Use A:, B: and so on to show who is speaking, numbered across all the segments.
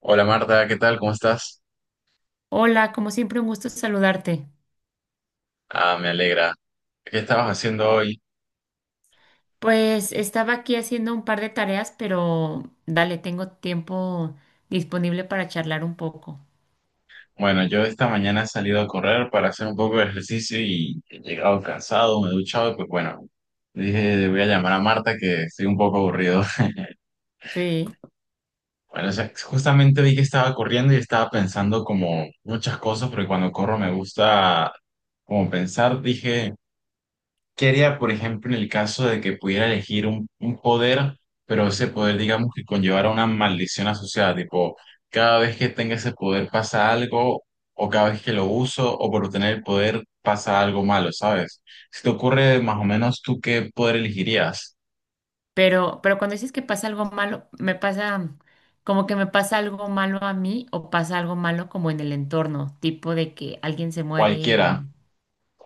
A: Hola Marta, ¿qué tal? ¿Cómo estás?
B: Hola, como siempre, un gusto saludarte.
A: Ah, me alegra. ¿Qué estabas haciendo hoy?
B: Pues estaba aquí haciendo un par de tareas, pero dale, tengo tiempo disponible para charlar un poco.
A: Bueno, yo esta mañana he salido a correr para hacer un poco de ejercicio y he llegado cansado, me he duchado y pues bueno, dije, le voy a llamar a Marta que estoy un poco aburrido.
B: Sí,
A: Bueno, o sea, justamente vi que estaba corriendo y estaba pensando como muchas cosas, porque cuando corro me gusta como pensar, dije, ¿qué haría, por ejemplo, en el caso de que pudiera elegir un poder, pero ese poder, digamos, que conllevara una maldición asociada? Tipo, cada vez que tenga ese poder pasa algo, o cada vez que lo uso, o por obtener el poder pasa algo malo, ¿sabes? Si te ocurre más o menos, ¿tú qué poder elegirías?
B: pero cuando dices que pasa algo malo, me pasa como que me pasa algo malo a mí o pasa algo malo como en el entorno, tipo de que alguien se muere o,
A: Cualquiera,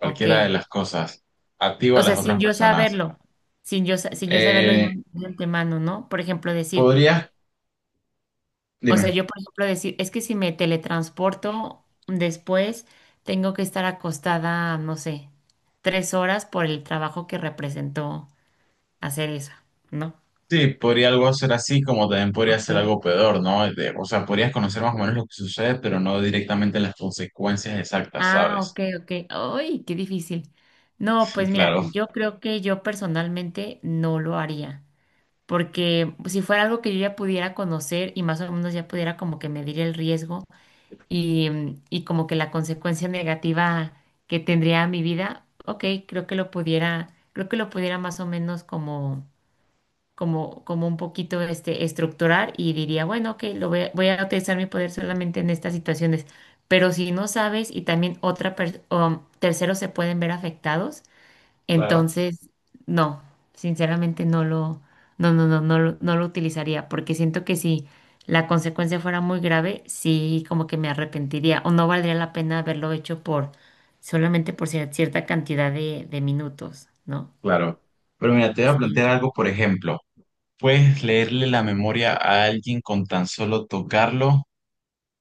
B: o
A: de
B: qué.
A: las cosas. A ti o a
B: O sea,
A: las otras personas.
B: sin yo saberlo ya
A: Eh,
B: de antemano, ¿no? Por ejemplo, decir
A: ¿Podrías?
B: o sea,
A: Dime.
B: yo, por ejemplo, decir, es que si me teletransporto después, tengo que estar acostada, no sé, 3 horas por el trabajo que representó hacer eso, ¿no?
A: Sí, podría algo ser así, como también podría
B: Ok.
A: ser algo peor, ¿no? O sea, podrías conocer más o menos lo que sucede, pero no directamente las consecuencias exactas,
B: Ah,
A: ¿sabes?
B: ok, ok. ¡Ay, qué difícil! No, pues mira,
A: Claro,
B: yo creo que yo personalmente no lo haría, porque si fuera algo que yo ya pudiera conocer y más o menos ya pudiera como que medir el riesgo, y como que la consecuencia negativa que tendría a mi vida, ok, creo que lo pudiera más o menos como un poquito estructurar y diría, bueno, ok, lo voy a utilizar mi poder solamente en estas situaciones. Pero si no sabes y también o terceros se pueden ver afectados,
A: claro,
B: entonces, no, sinceramente no lo, no, no, no, no, lo- no lo utilizaría, porque siento que si la consecuencia fuera muy grave, sí como que me arrepentiría o no valdría la pena haberlo hecho por solamente por cierta cantidad de minutos, ¿no?
A: claro. Pero mira, te voy a plantear
B: Sí.
A: algo, por ejemplo, puedes leerle la memoria a alguien con tan solo tocarlo,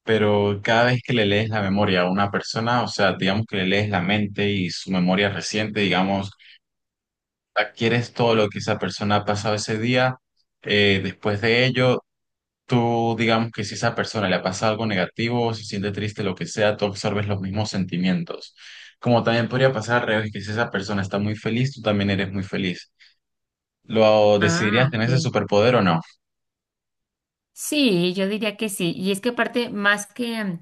A: pero cada vez que le lees la memoria a una persona, o sea, digamos que le lees la mente y su memoria reciente, digamos, adquieres todo lo que esa persona ha pasado ese día. Después de ello, tú, digamos que si a esa persona le pasa algo negativo o se siente triste, lo que sea, tú absorbes los mismos sentimientos. Como también podría pasar al revés, que si esa persona está muy feliz, tú también eres muy feliz. ¿Lo
B: Ah,
A: decidirías tener ese
B: ok.
A: superpoder o no?
B: Sí, yo diría que sí. Y es que aparte, más que, mm,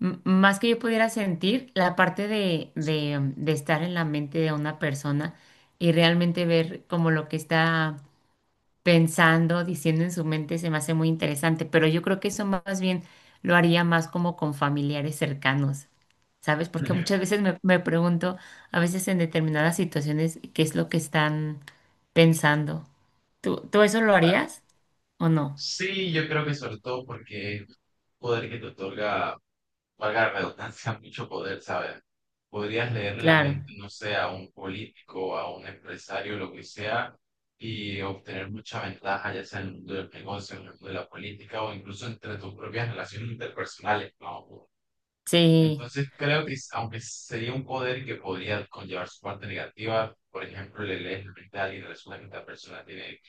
B: m- más que yo pudiera sentir, la parte de estar en la mente de una persona y realmente ver como lo que está pensando, diciendo en su mente, se me hace muy interesante, pero yo creo que eso más bien lo haría más como con familiares cercanos, ¿sabes? Porque muchas veces me pregunto, a veces en determinadas situaciones, qué es lo que están pensando. ¿Tú eso lo
A: Claro.
B: harías o no?
A: Sí, yo creo que sobre todo porque es un poder que te otorga, valga la redundancia, mucho poder, ¿sabes? Podrías leer la
B: Claro,
A: mente, no sé, a un político, a un empresario, lo que sea, y obtener mucha ventaja, ya sea en el mundo del negocio, en el mundo de la política o incluso entre tus propias relaciones interpersonales, ¿no?
B: sí,
A: Entonces creo que aunque sería un poder que podría conllevar su parte negativa, por ejemplo, le lees la mente a alguien y resulta que esta persona tiene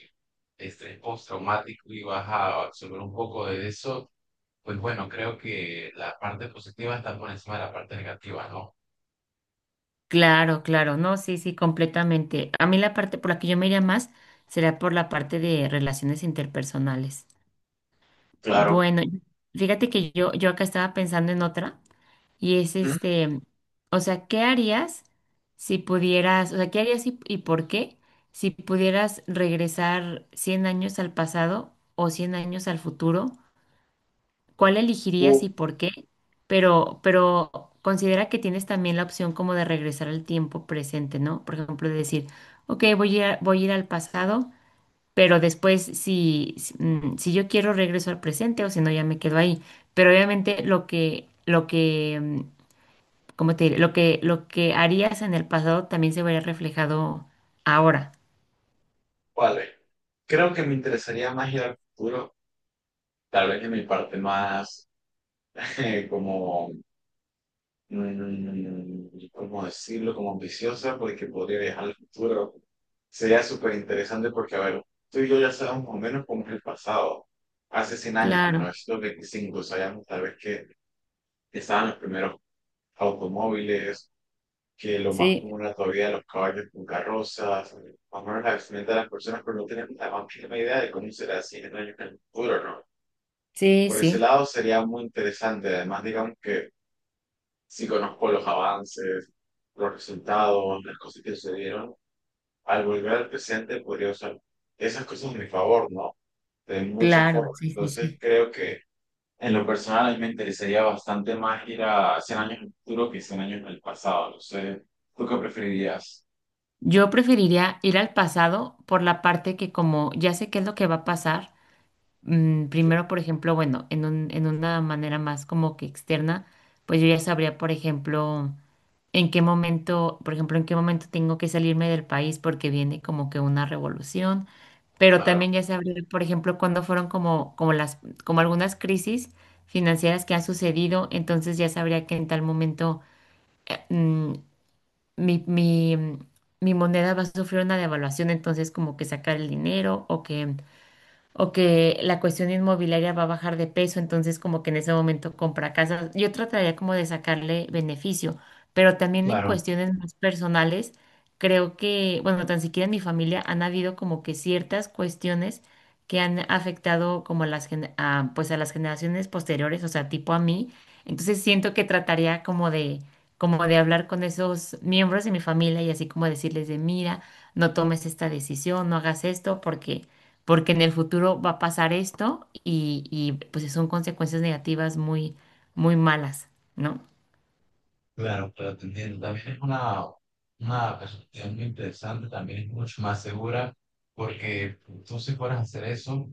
A: estrés postraumático y vas a absorber un poco de eso, pues bueno, creo que la parte positiva está por encima de la parte negativa, ¿no?
B: claro, claro, no, sí, sí, completamente. A mí la parte por la que yo me iría más será por la parte de relaciones interpersonales.
A: Claro.
B: Bueno, fíjate que yo acá estaba pensando en otra. Y es o sea, ¿qué harías si pudieras, o sea, qué harías y por qué si pudieras regresar 100 años al pasado o 100 años al futuro? ¿Cuál
A: Uh,
B: elegirías y por qué? Pero considera que tienes también la opción como de regresar al tiempo presente, ¿no? Por ejemplo, de decir, ok, voy a ir al pasado, pero después si yo quiero regreso al presente o si no, ya me quedo ahí. Pero obviamente lo que como te diré, lo que harías en el pasado también se vería reflejado ahora.
A: vale. Creo que me interesaría más ir al futuro, tal vez en mi parte más como ¿cómo decirlo? Como ambiciosa, porque podría viajar al futuro. Sería súper interesante porque, a ver, tú y yo ya sabemos más o menos cómo es el pasado. Hace 100 años, mil
B: Claro,
A: novecientos veinticinco sabíamos tal vez que estaban los primeros automóviles, que lo más
B: sí,
A: común era todavía los caballos con carrozas, más o menos la vestimenta de las personas, pero no tenemos la más mínima idea de cómo será 100 años en el futuro, ¿no?
B: sí,
A: Por ese
B: sí,
A: lado sería muy interesante. Además, digamos que sí conozco los avances, los resultados, las cosas que sucedieron, al volver al presente podría usar esas cosas a mi favor, ¿no? De muchas
B: claro,
A: formas.
B: sí, sí,
A: Entonces
B: sí.
A: creo que en lo personal a mí me interesaría bastante más ir a 100 años en el futuro que 100 años en el pasado. No sé, ¿tú qué preferirías?
B: Yo preferiría ir al pasado por la parte que como ya sé qué es lo que va a pasar, primero, por ejemplo, bueno, en una manera más como que externa, pues yo ya sabría, por ejemplo, en qué momento, por ejemplo, en qué momento tengo que salirme del país porque viene como que una revolución, pero
A: Claro,
B: también ya se por ejemplo, cuando fueron como algunas crisis financieras que han sucedido, entonces ya sabría que en tal momento mm, mi, mi, mm, mi moneda va a sufrir una devaluación, entonces como que sacar el dinero o que la cuestión inmobiliaria va a bajar de peso, entonces como que en ese momento compra casas. Yo trataría como de sacarle beneficio, pero también en
A: claro,
B: cuestiones más personales, creo que, bueno, tan siquiera en mi familia han habido como que ciertas cuestiones que han afectado como a las, pues a las generaciones posteriores, o sea, tipo a mí. Entonces siento que trataría como de hablar con esos miembros de mi familia y así como decirles de, mira, no tomes esta decisión, no hagas esto, porque en el futuro va a pasar esto y, pues son consecuencias negativas muy, muy malas, ¿no?
A: claro, te entiendo. También es una perspectiva muy interesante, también es mucho más segura, porque tú si fueras a hacer eso,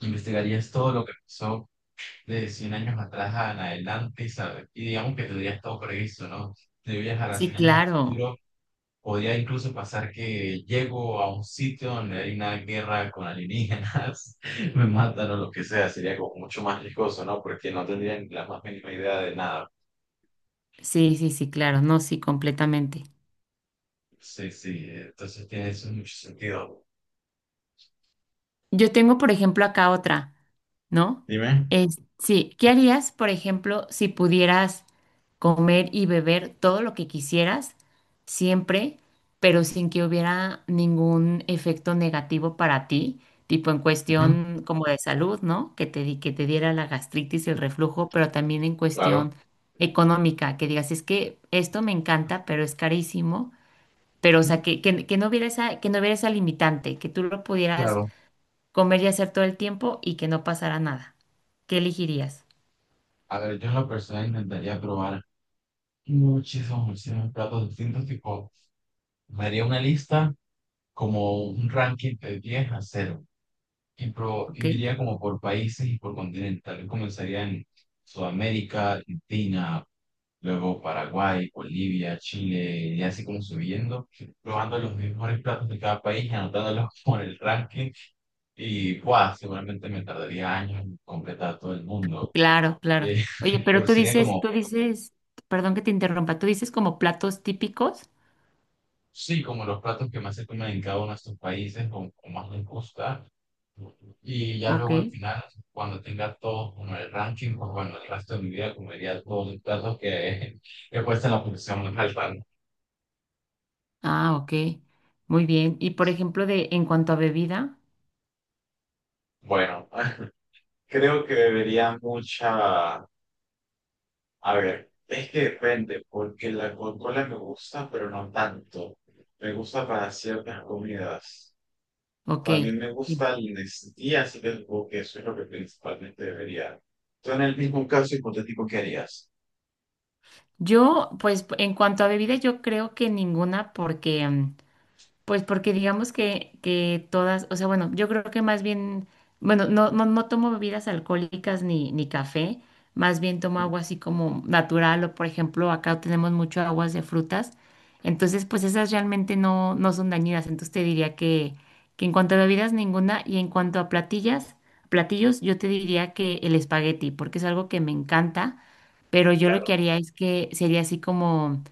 A: investigarías todo lo que pasó de 100 años atrás en adelante, ¿sabes? Y digamos que tendría todo previsto, ¿no? De viajar a
B: Sí,
A: 100 años en el
B: claro.
A: futuro, podría incluso pasar que llego a un sitio donde hay una guerra con alienígenas, me matan o lo que sea, sería como mucho más riesgoso, ¿no? Porque no tendrían la más mínima idea de nada.
B: Sí, sí, sí, claro. No, sí, completamente.
A: Sí, sí, entonces tiene eso mucho sentido.
B: Yo tengo, por ejemplo, acá otra, ¿no?
A: Dime.
B: Sí, ¿qué harías, por ejemplo, si pudieras comer y beber todo lo que quisieras, siempre, pero sin que hubiera ningún efecto negativo para ti, tipo en
A: Ujú.
B: cuestión como de salud, ¿no? Que te diera la gastritis y el reflujo, pero también en
A: Claro.
B: cuestión económica, que digas, es que esto me encanta, pero es carísimo, pero o sea,
A: Ujú,
B: que no hubiera esa limitante, que tú lo pudieras
A: claro.
B: comer y hacer todo el tiempo y que no pasara nada. ¿Qué elegirías?
A: A ver, yo en la persona intentaría probar muchísimos, muchísimos platos distintos, tipo, me haría una lista como un ranking de 10 a 0 y, y
B: ¿Ok?
A: iría como por países y por continentes. Tal vez comenzaría en Sudamérica, Argentina, luego Paraguay, Bolivia, Chile, y así como subiendo, probando los mejores platos de cada país, y anotándolos por el ranking. Y ¡guau! Seguramente me tardaría años en completar todo el mundo.
B: Claro, claro.
A: Y,
B: Oye, pero
A: pero
B: tú
A: sería
B: dices, tú
A: como
B: dices, perdón que te interrumpa, tú dices como platos típicos.
A: sí, como los platos que más se comen en cada uno de estos países o más les gusta. Y ya
B: Ok.
A: luego al final, cuando tenga todo como el ranking, pues bueno, el resto de mi vida comería todos los platos que he puesto en la posición más alta. ¿No?
B: Ah, ok. Muy bien. Y por ejemplo, de en cuanto a bebida,
A: Bueno, creo que bebería mucha... A ver, es que depende, porque la Coca-Cola me gusta, pero no tanto. Me gusta para ciertas comidas.
B: ok.
A: También me
B: Sí.
A: gusta la honestidad, así que supongo que eso es lo que principalmente debería. Tú en el mismo caso hipotético, ¿qué harías?
B: Yo, pues, en cuanto a bebida, yo creo que ninguna, porque mm, Pues porque digamos que todas, o sea, bueno, yo creo que más bien, bueno, no tomo bebidas alcohólicas ni café, más bien tomo
A: ¿Mm?
B: agua así como natural o por ejemplo acá tenemos mucho aguas de frutas, entonces pues esas realmente no son dañinas, entonces te diría que en cuanto a bebidas ninguna y en cuanto a platillos yo te diría que el espagueti, porque es algo que me encanta pero yo lo
A: Claro,
B: que haría es que sería así como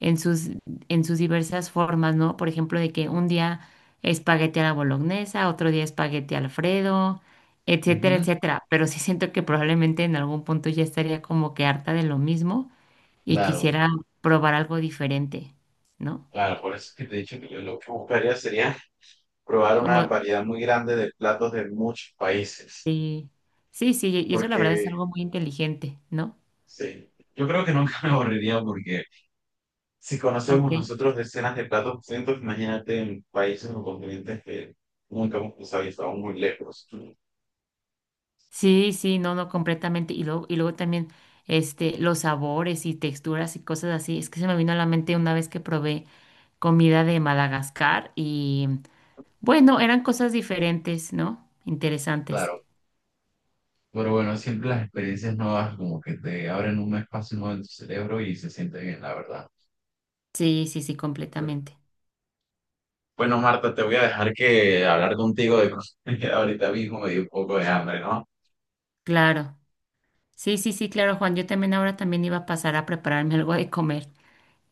B: en sus, en sus diversas formas, ¿no? Por ejemplo, de que un día espagueti a la bolognesa, otro día espagueti Alfredo, etcétera,
A: ujú,
B: etcétera. Pero sí siento que probablemente en algún punto ya estaría como que harta de lo mismo y
A: claro,
B: quisiera probar algo diferente, ¿no?
A: claro. Por eso es que te he dicho que yo lo que buscaría sería probar una
B: Como,
A: variedad muy grande de platos de muchos países.
B: sí, sí, sí, y eso la verdad es
A: Porque,
B: algo muy inteligente, ¿no?
A: sí, yo creo que nunca me aburriría porque si
B: Ok.
A: conocemos nosotros decenas de platos distintos, imagínate en países o continentes que nunca hemos cruzado y estamos muy lejos.
B: Sí, sí, no, no, completamente. Y luego también los sabores y texturas y cosas así. Es que se me vino a la mente una vez que probé comida de Madagascar y bueno, eran cosas diferentes, ¿no? Interesantes.
A: Claro. Pero bueno, siempre las experiencias nuevas como que te abren un espacio nuevo en tu cerebro y se siente bien, la verdad.
B: Sí, sí, sí, completamente.
A: Bueno, Marta, te voy a dejar que hablar contigo de cosas que ahorita mismo me dio un poco de hambre, ¿no?
B: Claro. Sí, sí, sí, claro, Juan. Yo también ahora también iba a pasar a prepararme algo de comer.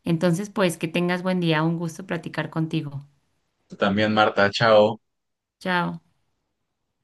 B: Entonces, pues que tengas buen día. Un gusto platicar contigo.
A: Tú también, Marta, chao.
B: Chao.